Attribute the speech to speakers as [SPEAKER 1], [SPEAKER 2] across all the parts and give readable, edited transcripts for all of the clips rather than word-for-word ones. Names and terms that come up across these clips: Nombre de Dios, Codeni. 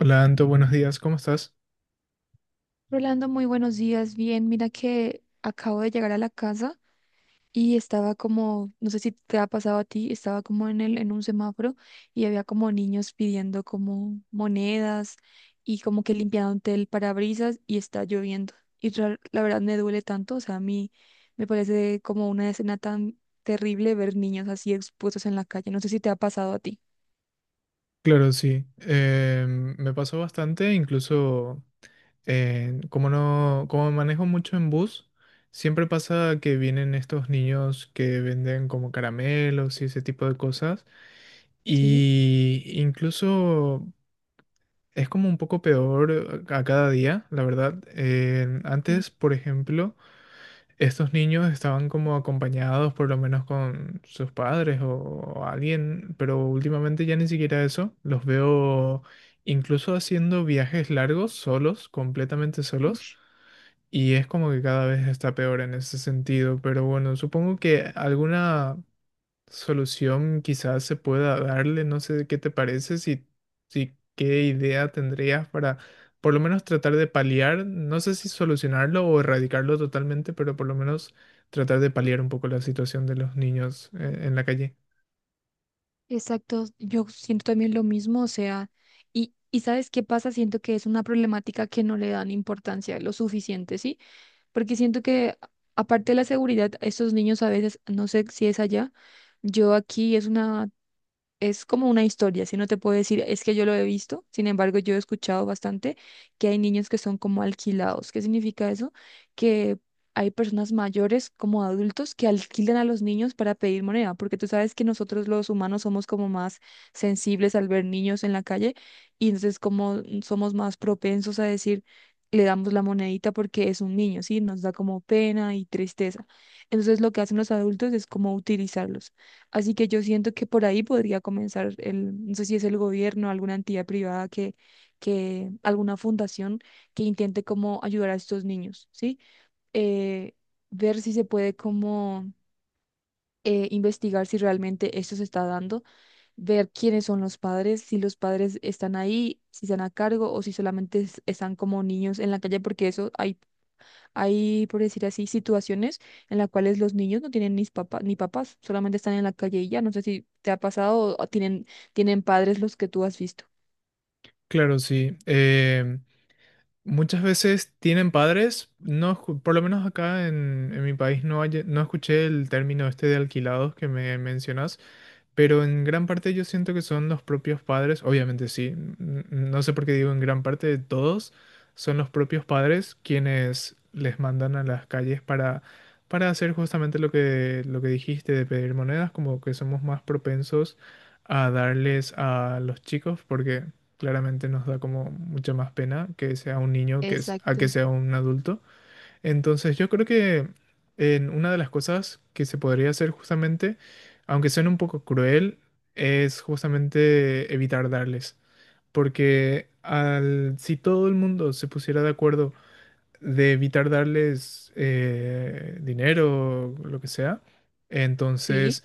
[SPEAKER 1] Hola Anto, buenos días, ¿cómo estás?
[SPEAKER 2] Rolando, muy buenos días. Bien, mira que acabo de llegar a la casa y estaba como, no sé si te ha pasado a ti, estaba como en un semáforo y había como niños pidiendo como monedas y como que limpiaban el parabrisas y está lloviendo. Y la verdad me duele tanto, o sea, a mí me parece como una escena tan terrible ver niños así expuestos en la calle. No sé si te ha pasado a ti.
[SPEAKER 1] Claro, sí. Me pasó bastante, incluso como no, como manejo mucho en bus, siempre pasa que vienen estos niños que venden como caramelos y ese tipo de cosas.
[SPEAKER 2] Sí.
[SPEAKER 1] Y incluso es como un poco peor a cada día, la verdad.
[SPEAKER 2] Sí.
[SPEAKER 1] Antes, por ejemplo, estos niños estaban como acompañados por lo menos con sus padres o alguien, pero últimamente ya ni siquiera eso. Los veo incluso haciendo viajes largos, solos, completamente solos.
[SPEAKER 2] Ush.
[SPEAKER 1] Y es como que cada vez está peor en ese sentido, pero bueno, supongo que alguna solución quizás se pueda darle, no sé qué te parece, si qué idea tendrías para por lo menos tratar de paliar, no sé si solucionarlo o erradicarlo totalmente, pero por lo menos tratar de paliar un poco la situación de los niños en la calle.
[SPEAKER 2] Exacto, yo siento también lo mismo, o sea, y ¿sabes qué pasa? Siento que es una problemática que no le dan importancia lo suficiente, ¿sí? Porque siento que aparte de la seguridad, estos niños a veces, no sé si es allá, yo aquí es una es como una historia, si no te puedo decir, es que yo lo he visto, sin embargo, yo he escuchado bastante que hay niños que son como alquilados. ¿Qué significa eso? Que hay personas mayores como adultos que alquilan a los niños para pedir moneda, porque tú sabes que nosotros los humanos somos como más sensibles al ver niños en la calle y entonces como somos más propensos a decir, le damos la monedita porque es un niño, ¿sí? Nos da como pena y tristeza. Entonces lo que hacen los adultos es como utilizarlos. Así que yo siento que por ahí podría comenzar el, no sé si es el gobierno, alguna entidad privada que, alguna fundación que intente como ayudar a estos niños, ¿sí? Eh, ver si se puede como investigar si realmente esto se está dando, ver quiénes son los padres, si los padres están ahí, si están a cargo o si solamente están como niños en la calle, porque eso hay, por decir así, situaciones en las cuales los niños no tienen ni papás, ni papás, solamente están en la calle y ya. No sé si te ha pasado o tienen padres los que tú has visto.
[SPEAKER 1] Claro, sí. Muchas veces tienen padres, no, por lo menos acá en mi país no, no escuché el término este de alquilados que me mencionas, pero en gran parte yo siento que son los propios padres, obviamente sí, no sé por qué digo en gran parte de todos, son los propios padres quienes les mandan a las calles para hacer justamente lo lo que dijiste de pedir monedas, como que somos más propensos a darles a los chicos, porque claramente nos da como mucha más pena que sea un niño que es, a que
[SPEAKER 2] Exacto,
[SPEAKER 1] sea un adulto. Entonces, yo creo que en una de las cosas que se podría hacer justamente, aunque suene un poco cruel, es justamente evitar darles. Porque al, si todo el mundo se pusiera de acuerdo de evitar darles dinero o lo que sea.
[SPEAKER 2] sí.
[SPEAKER 1] Entonces,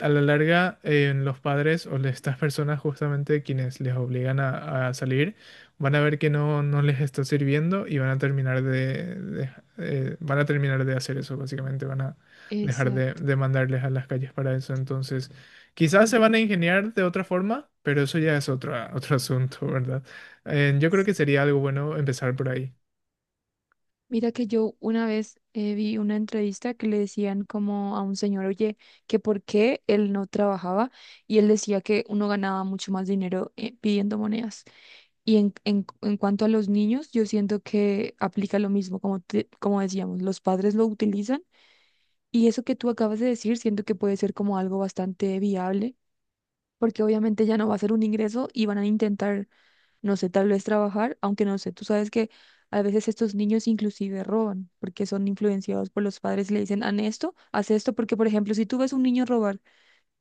[SPEAKER 1] a la larga, los padres o estas personas justamente quienes les obligan a salir, van a ver que no, no les está sirviendo y van a terminar van a terminar de hacer eso, básicamente, van a dejar
[SPEAKER 2] Exacto,
[SPEAKER 1] de mandarles a las calles para eso. Entonces, quizás se
[SPEAKER 2] claro.
[SPEAKER 1] van a ingeniar de otra forma, pero eso ya es otro, otro asunto, ¿verdad? Yo creo que sería algo bueno empezar por ahí.
[SPEAKER 2] Mira que yo una vez vi una entrevista que le decían como a un señor, oye, que por qué él no trabajaba y él decía que uno ganaba mucho más dinero pidiendo monedas. Y en cuanto a los niños, yo siento que aplica lo mismo, como, como decíamos, los padres lo utilizan y eso que tú acabas de decir, siento que puede ser como algo bastante viable, porque obviamente ya no va a ser un ingreso y van a intentar no sé, tal vez trabajar, aunque no sé, tú sabes que a veces estos niños inclusive roban porque son influenciados por los padres, le dicen, haz esto, porque por ejemplo, si tú ves a un niño robar,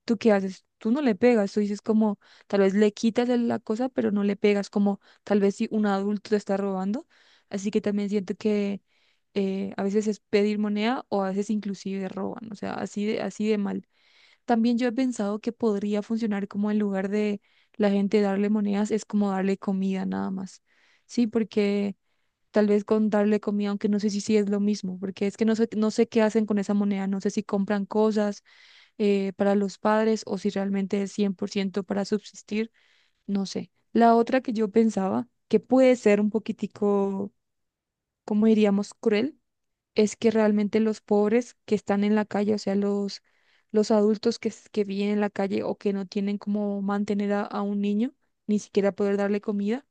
[SPEAKER 2] ¿tú qué haces? Tú no le pegas, tú dices como, tal vez le quitas la cosa, pero no le pegas, como tal vez si un adulto te está robando, así que también siento que... a veces es pedir moneda o a veces inclusive roban, o sea, así de mal. También yo he pensado que podría funcionar como en lugar de la gente darle monedas, es como darle comida nada más. Sí, porque tal vez con darle comida, aunque no sé si sí es lo mismo, porque es que no sé, no sé qué hacen con esa moneda, no sé si compran cosas para los padres o si realmente es 100% para subsistir, no sé. La otra que yo pensaba, que puede ser un poquitico, ¿cómo diríamos?, cruel es que realmente los pobres que están en la calle, o sea, los adultos que viven en la calle o que no tienen cómo mantener a un niño, ni siquiera poder darle comida,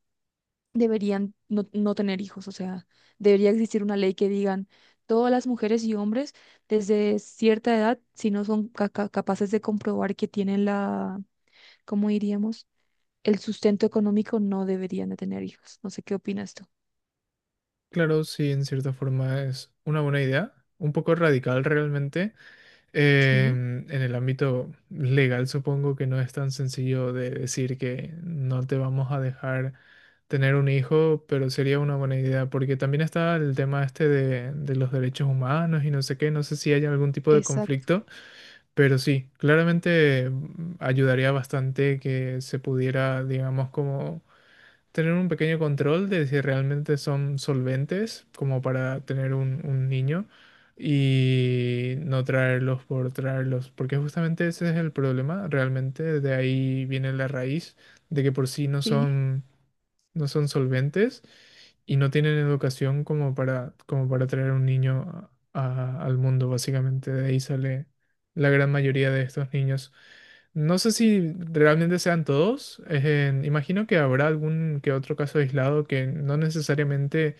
[SPEAKER 2] deberían no, no tener hijos. O sea, debería existir una ley que digan todas las mujeres y hombres desde cierta edad, si no son capaces de comprobar que tienen la, ¿cómo diríamos? El sustento económico, no deberían de tener hijos. No sé qué opinas tú.
[SPEAKER 1] Claro, sí, en cierta forma es una buena idea, un poco radical realmente.
[SPEAKER 2] Sí.
[SPEAKER 1] En el ámbito legal supongo que no es tan sencillo de decir que no te vamos a dejar tener un hijo, pero sería una buena idea porque también está el tema este de los derechos humanos y no sé qué, no sé si hay algún tipo de
[SPEAKER 2] Exacto,
[SPEAKER 1] conflicto, pero sí, claramente ayudaría bastante que se pudiera, digamos, como tener un pequeño control de si realmente son solventes como para tener un niño y no traerlos por traerlos, porque justamente ese es el problema, realmente de ahí viene la raíz de que por sí no
[SPEAKER 2] sí.
[SPEAKER 1] son, no son solventes y no tienen educación como para, como para traer un niño al mundo, básicamente de ahí sale la gran mayoría de estos niños. No sé si realmente sean todos. Imagino que habrá algún que otro caso aislado que no necesariamente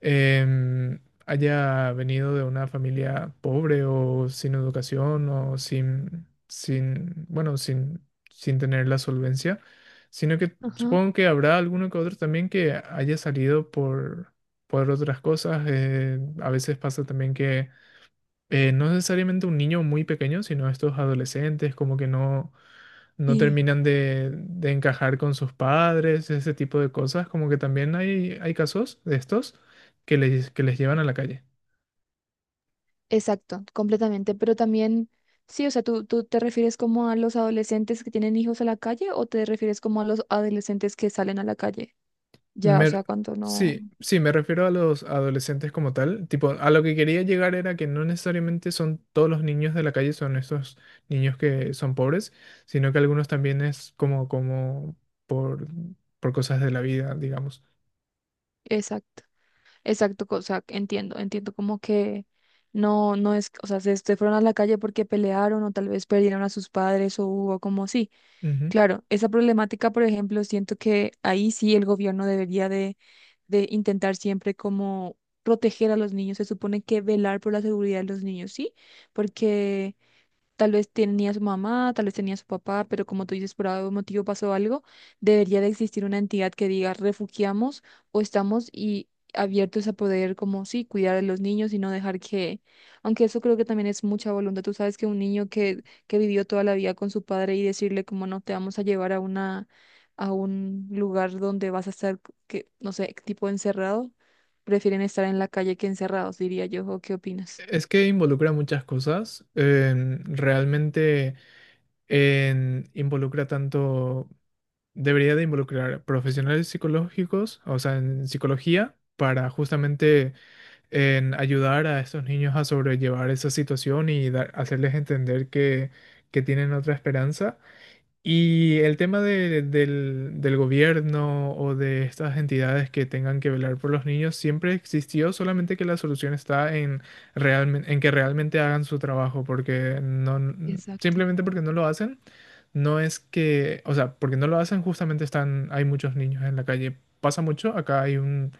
[SPEAKER 1] em, haya venido de una familia pobre o sin educación o sin, sin, bueno, sin, sin tener la solvencia, sino que
[SPEAKER 2] Ajá.
[SPEAKER 1] supongo que habrá alguno que otro también que haya salido por otras cosas. A veces pasa también que no necesariamente un niño muy pequeño, sino estos adolescentes como que no no
[SPEAKER 2] Sí.
[SPEAKER 1] terminan de encajar con sus padres, ese tipo de cosas, como que también hay casos de estos que les llevan a la calle.
[SPEAKER 2] Exacto, completamente. Pero también, sí, o sea, tú te refieres como a los adolescentes que tienen hijos a la calle o te refieres como a los adolescentes que salen a la calle? Ya, o
[SPEAKER 1] Me-
[SPEAKER 2] sea, cuando no.
[SPEAKER 1] sí, sí, me refiero a los adolescentes como tal, tipo, a lo que quería llegar era que no necesariamente son todos los niños de la calle, son estos niños que son pobres, sino que algunos también es como, como por, por cosas de la vida, digamos.
[SPEAKER 2] Exacto, exacto, o sea, entiendo, entiendo como que no, no es, o sea, se fueron a la calle porque pelearon o tal vez perdieron a sus padres o hubo como, sí,
[SPEAKER 1] Ujú.
[SPEAKER 2] claro, esa problemática, por ejemplo, siento que ahí sí el gobierno debería de intentar siempre como proteger a los niños, se supone que velar por la seguridad de los niños, ¿sí? Porque tal vez tenía su mamá, tal vez tenía su papá, pero como tú dices, por algún motivo pasó algo, debería de existir una entidad que diga refugiamos o estamos y abiertos a poder, como sí, cuidar a los niños y no dejar que, aunque eso creo que también es mucha voluntad. Tú sabes que un niño que vivió toda la vida con su padre y decirle como no te vamos a llevar a una, a un lugar donde vas a estar, que, no sé, tipo encerrado, prefieren estar en la calle que encerrados, diría yo. ¿O qué opinas?
[SPEAKER 1] Es que involucra muchas cosas. Realmente... involucra tanto, debería de involucrar profesionales psicológicos, o sea, en psicología, para justamente en ayudar a estos niños a sobrellevar esa situación y hacerles entender que tienen otra esperanza. Y el tema del gobierno o de estas entidades que tengan que velar por los niños siempre existió, solamente que la solución está en, en que realmente hagan su trabajo, porque no,
[SPEAKER 2] Exacto.
[SPEAKER 1] simplemente porque no lo hacen, no es que, o sea, porque no lo hacen, justamente están, hay muchos niños en la calle. Pasa mucho, acá hay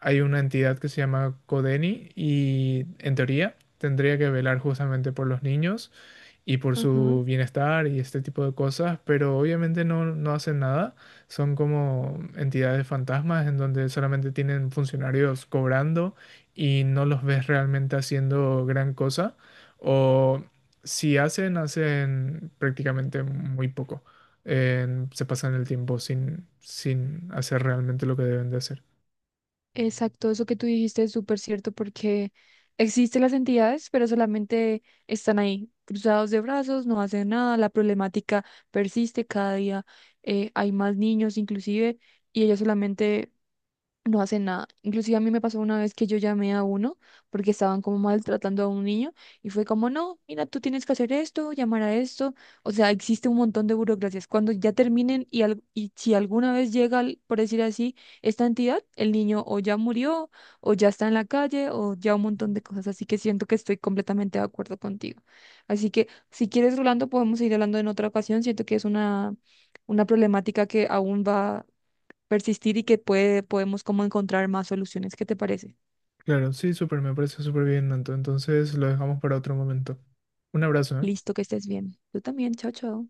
[SPEAKER 1] hay una entidad que se llama Codeni y en teoría tendría que velar justamente por los niños y por
[SPEAKER 2] Ajá.
[SPEAKER 1] su bienestar y este tipo de cosas, pero obviamente no, no hacen nada. Son como entidades fantasmas en donde solamente tienen funcionarios cobrando y no los ves realmente haciendo gran cosa. O si hacen, hacen prácticamente muy poco. Se pasan el tiempo sin, sin hacer realmente lo que deben de hacer.
[SPEAKER 2] Exacto, eso que tú dijiste es súper cierto porque existen las entidades, pero solamente están ahí, cruzados de brazos, no hacen nada, la problemática persiste cada día, hay más niños inclusive, y ellos solamente no hacen nada. Inclusive a mí me pasó una vez que yo llamé a uno porque estaban como maltratando a un niño y fue como, no, mira, tú tienes que hacer esto, llamar a esto. O sea, existe un montón de burocracias. Cuando ya terminen y, y si alguna vez llega, por decir así, esta entidad, el niño o ya murió o ya está en la calle o ya un montón de cosas. Así que siento que estoy completamente de acuerdo contigo. Así que si quieres, Rolando, podemos ir hablando en otra ocasión. Siento que es una problemática que aún va persistir y que puede, podemos como encontrar más soluciones. ¿Qué te parece?
[SPEAKER 1] Claro, sí, súper, me parece súper bien, Nanto. Entonces lo dejamos para otro momento. Un abrazo, ¿eh?
[SPEAKER 2] Listo, que estés bien. Tú también, chao, chao.